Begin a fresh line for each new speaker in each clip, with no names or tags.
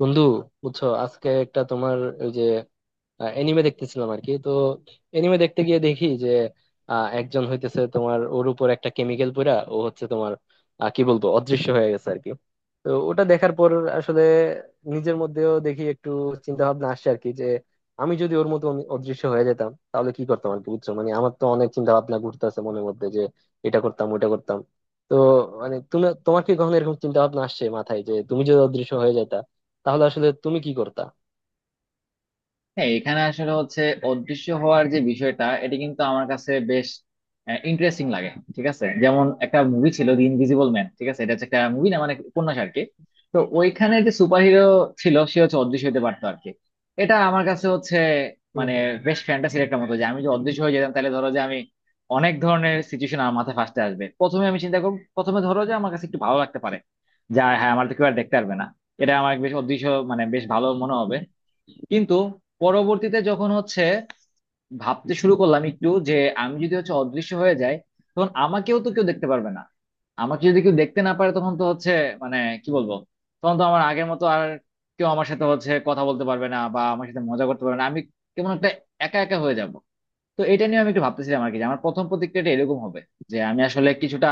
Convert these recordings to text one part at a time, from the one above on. বন্ধু, বুঝছো আজকে একটা তোমার ওই যে এনিমে দেখতেছিলাম আর কি। তো এনিমে দেখতে গিয়ে দেখি যে একজন হইতেছে তোমার, ওর উপর একটা কেমিক্যাল পড়া, ও হচ্ছে তোমার কি বলবো, অদৃশ্য হয়ে গেছে আর কি। তো ওটা দেখার পর আসলে নিজের মধ্যেও দেখি একটু চিন্তা ভাবনা আসছে আর কি যে আমি যদি ওর মতো অদৃশ্য হয়ে যেতাম তাহলে কি করতাম আর কি। বুঝছো মানে আমার তো অনেক চিন্তা ভাবনা ঘুরতেছে মনের মধ্যে যে এটা করতাম ওটা করতাম। তো মানে তুমি, তোমার কি কখনো এরকম চিন্তা ভাবনা আসছে মাথায় যে তুমি যদি অদৃশ্য হয়ে যেতা তাহলে আসলে তুমি কি করতা?
হ্যাঁ, এখানে আসলে হচ্ছে অদৃশ্য হওয়ার যে বিষয়টা এটি কিন্তু আমার কাছে বেশ ইন্টারেস্টিং লাগে। ঠিক আছে, যেমন একটা মুভি ছিল দি ইনভিজিবল ম্যান। ঠিক আছে, এটা হচ্ছে একটা মুভি না মানে উপন্যাস আর কি। তো ওইখানে যে সুপারহিরো ছিল সে হচ্ছে অদৃশ্য হতে পারতো আর কি। এটা আমার কাছে হচ্ছে
হম
মানে
হম।
বেশ ফ্যান্টাসির একটা মতো, যে আমি যে অদৃশ্য হয়ে যেতাম তাহলে ধরো যে আমি অনেক ধরনের সিচুয়েশন আমার মাথায় ফার্স্টে আসবে। প্রথমে আমি চিন্তা করবো, প্রথমে ধরো যে আমার কাছে একটু ভালো লাগতে পারে, যা হ্যাঁ আমার তো কেউ আর দেখতে পারবে না। এটা আমার বেশ অদৃশ্য মানে বেশ ভালো মনে হবে, কিন্তু পরবর্তীতে যখন হচ্ছে ভাবতে শুরু করলাম একটু যে আমি যদি হচ্ছে অদৃশ্য হয়ে যাই, তখন আমাকেও তো কেউ দেখতে পারবে না। আমাকে যদি কেউ দেখতে না পারে তখন তো হচ্ছে মানে কি বলবো, তখন তো আমার আগের মতো আর কেউ আমার সাথে হচ্ছে কথা বলতে পারবে না বা আমার সাথে মজা করতে পারবে না। আমি কেমন একটা একা একা হয়ে যাব। তো এটা নিয়ে আমি একটু ভাবতেছিলাম আর কি, যে আমার প্রথম প্রতিক্রিয়াটা এরকম হবে যে আমি আসলে কিছুটা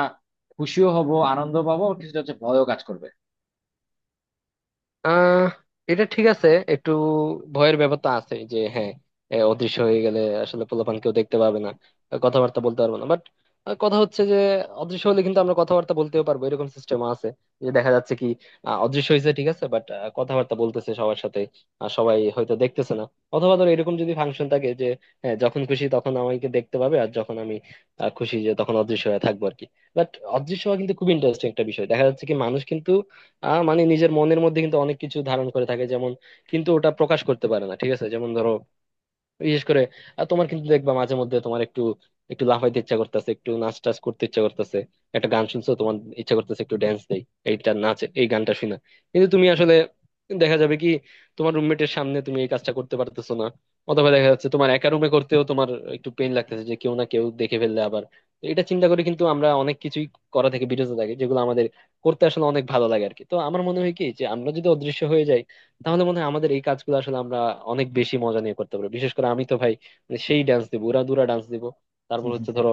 খুশিও হব, আনন্দ পাবো, কিছুটা হচ্ছে ভয়ও কাজ করবে।
আহ এটা ঠিক আছে। একটু ভয়ের ব্যাপার তো আছে যে, হ্যাঁ, অদৃশ্য হয়ে গেলে আসলে পোলাপান কেউ দেখতে পাবে না, কথাবার্তা বলতে পারবো না। বাট কথা হচ্ছে যে অদৃশ্য হলে কিন্তু আমরা কথাবার্তা বলতেও পারবো, এরকম সিস্টেম আছে যে দেখা যাচ্ছে কি অদৃশ্য হয়েছে ঠিক আছে, বাট কথাবার্তা বলতেছে সবার সাথে, আর সবাই হয়তো দেখতেছে না। অথবা ধর এরকম যদি ফাংশন থাকে যে হ্যাঁ, যখন খুশি তখন আমাকে দেখতে পাবে, আর যখন আমি খুশি যে তখন অদৃশ্য হয়ে থাকবো আর কি। বাট অদৃশ্য হওয়া কিন্তু খুব ইন্টারেস্টিং একটা বিষয়। দেখা যাচ্ছে কি মানুষ কিন্তু মানে নিজের মনের মধ্যে কিন্তু অনেক কিছু ধারণ করে থাকে, যেমন কিন্তু ওটা প্রকাশ করতে পারে না ঠিক আছে। যেমন ধরো বিশেষ করে আর তোমার কিন্তু দেখবা মাঝে মধ্যে তোমার একটু একটু লাফাইতে ইচ্ছা করতেছে, একটু নাচ টাচ করতে ইচ্ছা করতেছে, একটা গান শুনছো তোমার ইচ্ছা করতেছে একটু ড্যান্স দেই এইটা নাচ এই গানটা শুনে। কিন্তু তুমি আসলে দেখা যাবে কি তোমার রুমমেটের সামনে তুমি এই কাজটা করতে পারতেছো না, অথবা দেখা যাচ্ছে তোমার একা রুমে করতেও তোমার একটু পেইন লাগতেছে যে কেউ না কেউ দেখে ফেললে আবার। তো এটা চিন্তা করে কিন্তু আমরা অনেক কিছুই করা থেকে বিরত থাকি যেগুলো আমাদের করতে আসলে অনেক ভালো লাগে আর কি। তো আমার মনে হয় কি যে আমরা যদি অদৃশ্য হয়ে যাই তাহলে মনে হয় আমাদের এই কাজগুলো আসলে আমরা অনেক বেশি মজা নিয়ে করতে পারবো। বিশেষ করে আমি তো ভাই মানে সেই ডান্স দিব, উড়া দুরা ডান্স দিব। তারপর হচ্ছে ধরো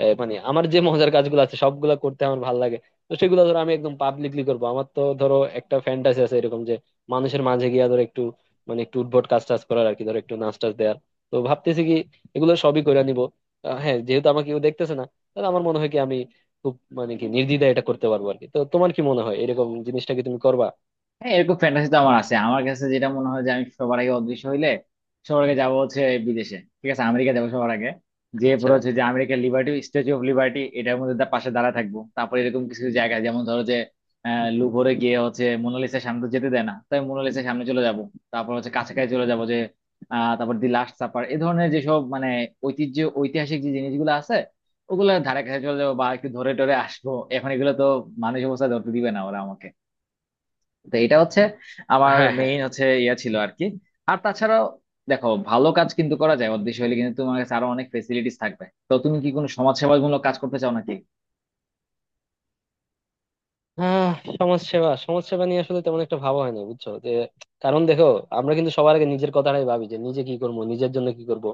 মানে আমার যে মজার কাজগুলো আছে সবগুলা করতে আমার ভালো লাগে, তো সেগুলো ধরো আমি একদম পাবলিকলি করবো। আমার তো ধরো একটা ফ্যান্টাসি আছে এরকম যে মানুষের মাঝে গিয়া ধরো একটু মানে একটু উদ্ভট কাজ টাজ করার আর কি, ধরো একটু নাচ টাচ দেওয়ার। তো ভাবতেছি কি এগুলো সবই করে নিবো হ্যাঁ, যেহেতু আমাকে কেউ দেখতেছে না তাহলে আমার মনে হয় কি আমি খুব মানে কি নির্দ্বিধায় এটা করতে পারবো আর কি। তো তোমার কি মনে হয় এরকম জিনিসটা কি তুমি করবা?
হ্যাঁ, এরকম ফ্যান্টাসি তো আমার আছে। আমার কাছে যেটা মনে হয় যে আমি সবার আগে অদৃশ্য হইলে সবার আগে যাবো হচ্ছে বিদেশে। ঠিক আছে, আমেরিকা যাবো সবার আগে, যে
আচ্ছা।
পরে হচ্ছে যে আমেরিকার লিবার্টি, স্ট্যাচু অফ লিবার্টি, এটার মধ্যে পাশে দাঁড়া থাকবো। তারপরে এরকম কিছু কিছু জায়গা যেমন ধরো যে লুভরে গিয়ে হচ্ছে মোনালিসার সামনে তো যেতে দেয় না, তাই মোনালিসার সামনে চলে যাব। তারপর হচ্ছে কাছাকাছি চলে যাব যে তারপর দি লাস্ট সাপার এ ধরনের যেসব মানে ঐতিহ্য ঐতিহাসিক যে জিনিসগুলো আছে ওগুলো ধারে কাছে চলে যাবো বা একটু ধরে টরে আসবো। এখন এগুলো তো মানুষ অবস্থা ধরতে দিবে না ওরা আমাকে। তো এটা হচ্ছে আমার
হ্যাঁ হ্যাঁ।
মেইন হচ্ছে ইয়া ছিল আর কি। আর তাছাড়াও দেখো ভালো কাজ কিন্তু করা যায়, অদৃশ্য হলে কিন্তু তোমার কাছে আরো অনেক ফেসিলিটিস থাকবে। তো তুমি কি কোনো সমাজসেবামূলক কাজ করতে চাও নাকি?
আহ সমাজসেবা সমাজসেবা নিয়ে আসলে তেমন একটা ভাবা হয় না বুঝছো যে কারণ দেখো আমরা কিন্তু সবার আগে নিজের কথাটাই ভাবি যে নিজে কি করবো, নিজের জন্য কি করব।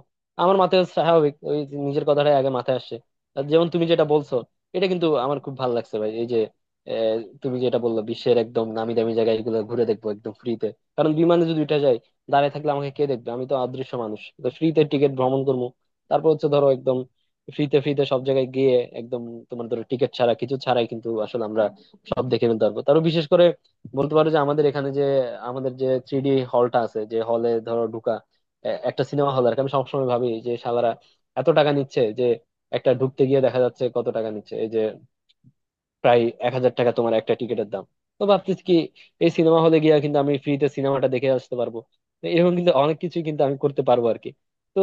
আমার মাথায় স্বাভাবিক ওই যে নিজের কথাটাই আগে মাথায় আসে। আর যেমন তুমি যেটা বলছো, এটা কিন্তু আমার খুব ভালো লাগছে ভাই। এই যে আহ, তুমি যেটা বললো বিশ্বের একদম নামি দামি জায়গা এগুলো ঘুরে দেখবো একদম ফ্রিতে, কারণ বিমানে যদি উঠে যায় দাঁড়ায় থাকলে আমাকে কে দেখবে, আমি তো অদৃশ্য মানুষ, তো ফ্রিতে টিকিট ভ্রমণ করবো। তারপর হচ্ছে ধরো একদম ফ্রিতে ফ্রিতে সব জায়গায় গিয়ে একদম তোমার ধরো টিকিট ছাড়া কিছু ছাড়াই কিন্তু আসলে আমরা সব দেখে ফেলতে পারবো। তারও বিশেষ করে বলতে পারো যে আমাদের এখানে যে আমাদের যে থ্রি ডি হলটা আছে, যে হলে ধরো ঢুকা একটা সিনেমা হল আর কি, আমি সবসময় ভাবি যে শালারা এত টাকা নিচ্ছে যে একটা ঢুকতে গিয়ে দেখা যাচ্ছে কত টাকা নিচ্ছে, এই যে প্রায় 1000 টাকা তোমার একটা টিকিটের দাম। তো ভাবতেছি কি এই সিনেমা হলে গিয়ে কিন্তু আমি ফ্রিতে সিনেমাটা দেখে আসতে পারবো। তো এরকম কিন্তু অনেক কিছু কিন্তু আমি করতে পারবো আর কি। তো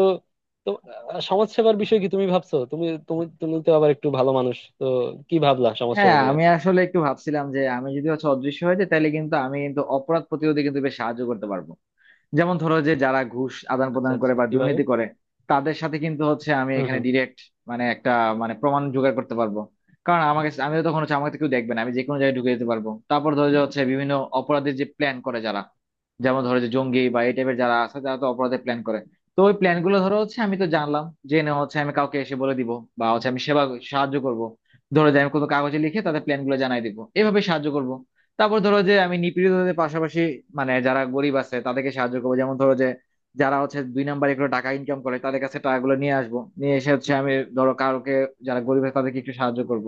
তো সমাজসেবার বিষয়ে কি তুমি ভাবছো? তুমি তুমি তুমি তো আবার একটু ভালো মানুষ তো, কি ভাবলা
হ্যাঁ,
সমাজসেবা নিয়ে?
আমি আসলে একটু ভাবছিলাম যে আমি যদি হচ্ছে অদৃশ্য হয়ে যাই তাহলে কিন্তু আমি কিন্তু অপরাধ প্রতিরোধে কিন্তু বেশ সাহায্য করতে পারবো। যেমন ধরো যে যারা ঘুষ আদান
আচ্ছা
প্রদান করে
আচ্ছা,
বা
কিভাবে?
দুর্নীতি করে তাদের সাথে কিন্তু হচ্ছে আমি
হম
এখানে
হম।
ডিরেক্ট মানে একটা মানে প্রমাণ জোগাড় করতে পারবো। কারণ আমাকে, আমি তো তখন হচ্ছে আমাকে তো কেউ দেখবে না, আমি যে কোনো জায়গায় ঢুকে যেতে পারবো। তারপর ধরো যে হচ্ছে বিভিন্ন অপরাধের যে প্ল্যান করে যারা, যেমন ধরো যে জঙ্গি বা এই টাইপের যারা আছে যারা তো অপরাধের প্ল্যান করে। তো ওই প্ল্যান গুলো ধরো হচ্ছে আমি তো জানলাম, জেনে হচ্ছে আমি কাউকে এসে বলে দিব বা হচ্ছে আমি সেবা, সাহায্য করব। ধরো যে আমি কোনো কাগজে লিখে তাদের প্ল্যান গুলো জানাই দিব, এভাবে সাহায্য করব। তারপর ধরো যে আমি নিপীড়িতদের পাশাপাশি মানে যারা গরিব আছে তাদেরকে সাহায্য করবো। যেমন ধরো যে যারা হচ্ছে দুই নাম্বারে করে টাকা ইনকাম করে তাদের কাছে টাকাগুলো নিয়ে আসবো, নিয়ে এসে হচ্ছে আমি ধরো কারোকে, যারা গরিব আছে তাদেরকে একটু সাহায্য করব।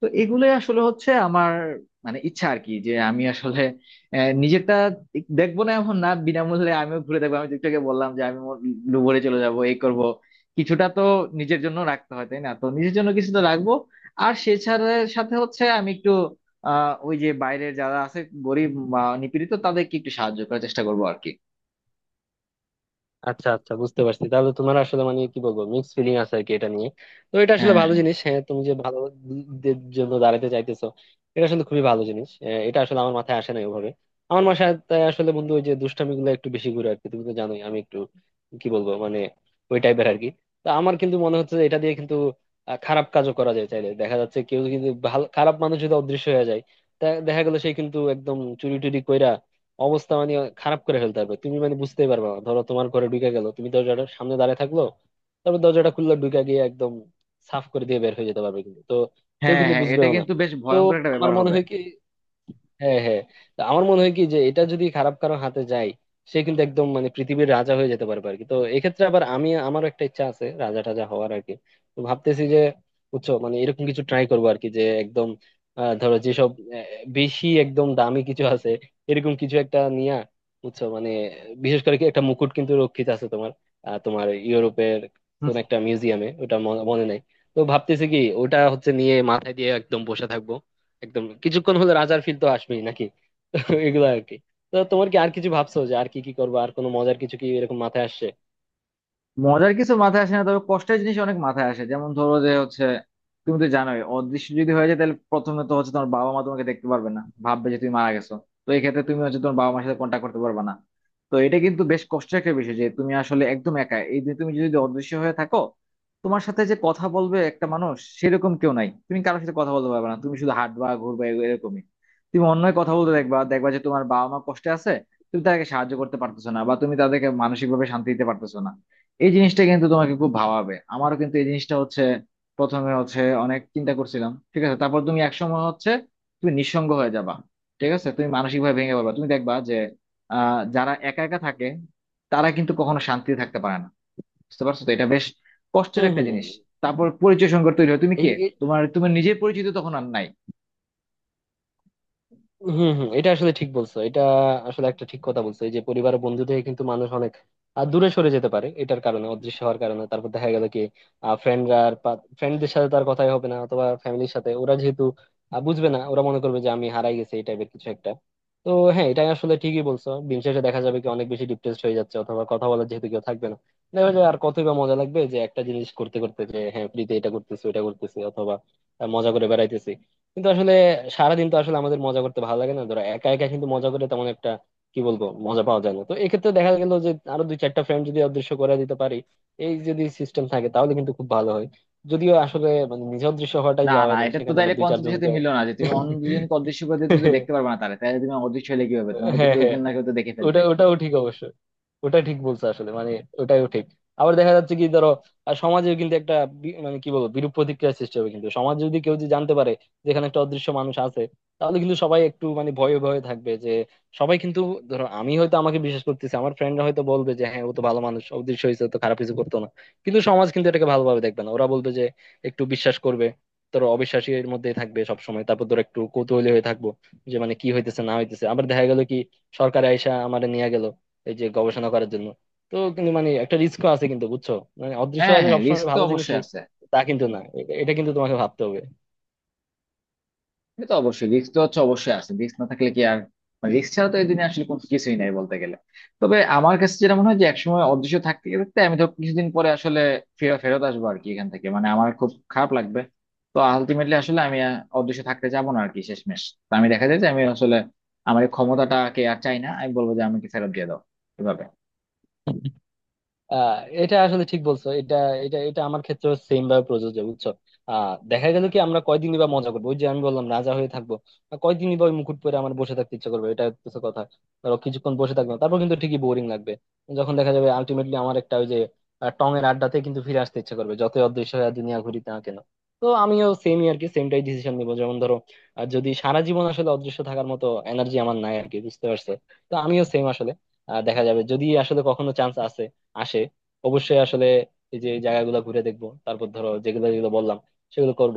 তো এগুলোই আসলে হচ্ছে আমার মানে ইচ্ছা আর কি, যে আমি আসলে নিজেরটা দেখবো না এমন না, বিনামূল্যে আমিও ঘুরে দেখবো। আমি যেটাকে বললাম যে আমি লুবরে চলে যাব এই করব, কিছুটা তো নিজের জন্য রাখতে হয় তাই না, তো নিজের জন্য কিছু তো রাখবো। আর সেছাড়া সাথে হচ্ছে আমি একটু ওই যে বাইরের যারা আছে গরিব বা নিপীড়িত তাদেরকে একটু সাহায্য করার চেষ্টা করবো আর কি।
আচ্ছা আচ্ছা বুঝতে পারছি। তাহলে তোমার আসলে মানে কি বলবো মিক্স ফিলিং আছে আর কি এটা নিয়ে। তো এটা আসলে
হ্যাঁ,
ভালো
হ্যাঁ,
জিনিস, হ্যাঁ তুমি যে ভালো দের জন্য দাঁড়াতে চাইতেছো এটা আসলে খুবই ভালো জিনিস। এটা আসলে আমার মাথায় আসে না ওভাবে, আমার মাথায় তাই আসলে বন্ধু ওই যে দুষ্টামি গুলো একটু বেশি ঘুরে আর কি। তুমি তো জানোই আমি একটু কি বলবো মানে ওই টাইপের আর কি। তো আমার কিন্তু মনে হচ্ছে যে এটা দিয়ে কিন্তু খারাপ কাজও করা যায় চাইলে। দেখা যাচ্ছে কেউ কিন্তু ভালো খারাপ মানুষ যদি অদৃশ্য হয়ে যায় তা দেখা গেল সে কিন্তু একদম চুরি টুরি কইরা অবস্থা মানে খারাপ করে ফেলতে পারবে, তুমি মানে বুঝতেই পারবে না। ধরো তোমার ঘরে ঢুকে গেল, তুমি দরজাটা সামনে দাঁড়ায় থাকলো, তারপর দরজাটা খুললো ঢুকে গিয়ে একদম সাফ করে দিয়ে বের হয়ে যেতে পারবে কিন্তু। তো কেউ
হ্যাঁ,
কিন্তু
হ্যাঁ, এটা
বুঝবেও না।
কিন্তু বেশ
তো
ভয়ঙ্কর একটা
আমার
ব্যাপার
মনে
হবে।
হয় কি, হ্যাঁ হ্যাঁ, তো আমার মনে হয় কি যে এটা যদি খারাপ কারো হাতে যায় সে কিন্তু একদম মানে পৃথিবীর রাজা হয়ে যেতে পারবে আর কি। তো এক্ষেত্রে আবার আমারও একটা ইচ্ছা আছে রাজা টাজা হওয়ার আর কি। তো ভাবতেছি যে বুঝছো মানে এরকম কিছু ট্রাই করবো আর কি যে একদম ধরো যেসব আহ, বেশি একদম দামি কিছু আছে এরকম কিছু একটা নিয়া, বুঝছো মানে বিশেষ করে কি একটা মুকুট কিন্তু রক্ষিত আছে তোমার তোমার ইউরোপের কোন একটা মিউজিয়ামে, ওটা মনে মনে নাই। তো ভাবতেছি কি ওটা হচ্ছে নিয়ে মাথায় দিয়ে একদম বসে থাকবো, একদম কিছুক্ষণ হলে রাজার ফিল তো আসবেই নাকি। তো এগুলো আর কি। তো তোমার কি আর কিছু ভাবছো যে আর কি কি করবো, আর কোনো মজার কিছু কি এরকম মাথায় আসছে?
মজার কিছু মাথায় আসে না, তবে কষ্টের জিনিস অনেক মাথায় আসে। যেমন ধরো যে হচ্ছে তুমি তো জানোই অদৃশ্য যদি হয়ে যায় তাহলে প্রথমে তো হচ্ছে তোমার বাবা মা তোমাকে দেখতে পারবে না, ভাববে যে তুমি মারা গেছো। তো এই ক্ষেত্রে তুমি হচ্ছে তোমার বাবা মার সাথে কন্ট্যাক্ট করতে পারবে না। তো এটা কিন্তু বেশ কষ্টের একটা বিষয় যে তুমি আসলে একদম একা, এই যে তুমি যদি অদৃশ্য হয়ে থাকো তোমার সাথে যে কথা বলবে একটা মানুষ সেরকম কেউ নাই। তুমি কারোর সাথে কথা বলতে পারবে না, তুমি শুধু হাঁটবা ঘুরবা এরকমই। তুমি অন্যের কথা বলতে দেখবা, দেখবা যে তোমার বাবা মা কষ্টে আছে। তুমি তাদেরকে সাহায্য করতে পারতেছো না বা তুমি তাদেরকে মানসিক ভাবে শান্তি দিতে পারতেছো না। এই জিনিসটা কিন্তু তোমাকে খুব ভাবাবে। আমারও কিন্তু এই জিনিসটা হচ্ছে প্রথমে হচ্ছে অনেক চিন্তা করছিলাম। ঠিক আছে, তারপর তুমি একসময় হচ্ছে তুমি নিঃসঙ্গ হয়ে যাবা। ঠিক আছে, তুমি মানসিক ভাবে ভেঙে পড়বা। তুমি দেখবা যে যারা একা একা থাকে তারা কিন্তু কখনো শান্তিতে থাকতে পারে না। বুঝতে পারছো? তো এটা বেশ কষ্টের
হম
একটা জিনিস।
হম।
তারপর পরিচয় সংকট তৈরি হয়, তুমি কে?
এই
তোমার তুমি নিজের পরিচিত তখন আর নাই।
হম হম। এটা আসলে ঠিক বলছো, এটা আসলে একটা ঠিক কথা বলছো। এই যে পরিবার ও বন্ধু থেকে কিন্তু মানুষ অনেক দূরে সরে যেতে পারে এটার কারণে, অদৃশ্য হওয়ার কারণে। তারপর দেখা গেল কি ফ্রেন্ডরা আর ফ্রেন্ডদের সাথে তার কথাই হবে না, অথবা ফ্যামিলির সাথে, ওরা যেহেতু বুঝবে না ওরা মনে করবে যে আমি হারাই গেছি এই টাইপের কিছু একটা। তো হ্যাঁ এটা আসলে ঠিকই বলছো, দিন শেষে দেখা যাবে কি অনেক বেশি ডিপ্রেসড হয়ে যাচ্ছে অথবা কথা বলার যেহেতু কেউ থাকবে না দেখা যায় আর কতই বা মজা লাগবে যে একটা জিনিস করতে করতে যে হ্যাঁ ফ্রিতে এটা করতেছি ওটা করতেছি অথবা মজা করে বেড়াইতেছি। কিন্তু আসলে সারাদিন তো আসলে আমাদের মজা করতে ভালো লাগে না, ধরো একা একা কিন্তু মজা করে তেমন একটা কি বলবো মজা পাওয়া যায় না। তো এক্ষেত্রে দেখা গেল যে আরো দুই চারটা ফ্রেন্ড যদি অদৃশ্য করে দিতে পারি এই যদি সিস্টেম থাকে তাহলে কিন্তু খুব ভালো হয়, যদিও আসলে মানে নিজে অদৃশ্য হওয়াটাই
না,
যাওয়া
না,
হয় না,
এটা তো
সেখানে
তাইলে
আমার দুই
কনসেপ্টের সাথে
চারজনকে।
মিললো না, যে তুমি অন্য দুজনকে অদৃশ্য করে দিয়ে তুমি তো দেখতে পারবে না তাহলে তাহলে তুমি অদৃশ্য হলে কি হবে, তোমাকে তো
হ্যাঁ
কেউ
হ্যাঁ,
একজন না কেউ তো দেখে ফেলবে।
ওটাও ঠিক অবশ্য, ওটা ঠিক বলছো আসলে মানে ওটাও ঠিক। আবার দেখা যাচ্ছে কি ধরো আর সমাজেও কিন্তু একটা মানে কি বলবো বিরূপ প্রতিক্রিয়ার সৃষ্টি হবে কিন্তু সমাজ, যদি কেউ যদি জানতে পারে যে এখানে একটা অদৃশ্য মানুষ আছে তাহলে কিন্তু সবাই একটু মানে ভয়ে ভয়ে থাকবে যে, সবাই কিন্তু ধরো আমি হয়তো, আমাকে বিশ্বাস করতেছি আমার ফ্রেন্ডরা হয়তো বলবে যে হ্যাঁ ও তো ভালো মানুষ অদৃশ্য হয়েছে ও তো খারাপ কিছু করতো না, কিন্তু সমাজ কিন্তু এটাকে ভালোভাবে দেখবে না, ওরা বলবে যে একটু বিশ্বাস করবে, ধরো অবিশ্বাসীর মধ্যেই থাকবে সবসময়। তারপর ধরো একটু কৌতূহলী হয়ে থাকবো যে মানে কি হইতেছে না হইতেছে, আবার দেখা গেল কি সরকার আইসা আমারে নিয়ে গেল এই যে গবেষণা করার জন্য। তো কিন্তু মানে একটা রিস্কও আছে কিন্তু বুঝছো, মানে
হ্যাঁ,
অদৃশ্যবাদী
হ্যাঁ,
সবসময়
রিস্ক তো
ভালো
অবশ্যই
জিনিসই
আছে।
তা কিন্তু না, এটা কিন্তু তোমাকে ভাবতে হবে।
এটা তো অবশ্যই, রিস্ক তো হচ্ছে অবশ্যই আছে, রিস্ক না থাকলে কি আর মানে রিস্ক ছাড়া তো এই দিনে আসলে কোনো কিছুই নাই বলতে গেলে। তবে আমার কাছে যেটা মনে হয় যে একসময় অদৃশ্য থাকতে থাকতে আমি তো কিছুদিন পরে আসলে ফেরত ফেরত আসবো আর কি এখান থেকে, মানে আমার খুব খারাপ লাগবে। তো আলটিমেটলি আসলে আমি অদৃশ্য থাকতে যাবো না আর কি শেষমেশ। তো আমি দেখা যায় যে আমি আসলে আমার এই ক্ষমতাটাকে আর চাই না, আমি বলবো যে আমাকে ফেরত দিয়ে দাও এভাবে।
আহ এটা আসলে ঠিক বলছো, এটা এটা এটা আমার ক্ষেত্রে সেম ভাবে প্রযোজ্য বুঝছো। দেখা গেল কি আমরা কয়দিনই বা মজা করবো, ওই যে আমি বললাম রাজা হয়ে থাকবো আর কয়দিনই বা ওই মুকুট পরে আমার বসে থাকতে ইচ্ছা করবে, এটা কিছু কথা। ধরো কিছুক্ষণ বসে থাকলাম তারপর কিন্তু ঠিকই বোরিং লাগবে, যখন দেখা যাবে আলটিমেটলি আমার একটা ওই যে টং এর আড্ডাতে কিন্তু ফিরে আসতে ইচ্ছা করবে যতই অদৃশ্য হয়ে দুনিয়া ঘুরিতে না কেন। তো আমিও সেমই আর কি, সেমটাই ডিসিশন নিবো। যেমন ধরো যদি সারা জীবন আসলে অদৃশ্য থাকার মতো এনার্জি আমার নাই আর কি, বুঝতে পারছো। তো আমিও সেম আসলে দেখা যাবে যদি আসলে কখনো চান্স আছে আসে অবশ্যই আসলে এই যে এই জায়গাগুলো ঘুরে দেখবো, তারপর ধরো যেগুলো যেগুলো বললাম সেগুলো করব।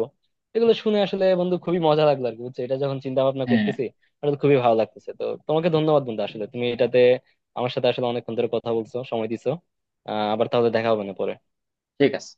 এগুলো শুনে আসলে বন্ধু খুবই মজা লাগলো আর কি বুঝছো, এটা যখন চিন্তা ভাবনা
হ্যাঁ,
করতেছি আসলে খুবই ভালো লাগতেছে। তো তোমাকে ধন্যবাদ বন্ধু, আসলে তুমি এটাতে আমার সাথে আসলে অনেকক্ষণ ধরে কথা বলছো, সময় দিছো। আবার তাহলে দেখা হবে না পরে।
ঠিক আছে।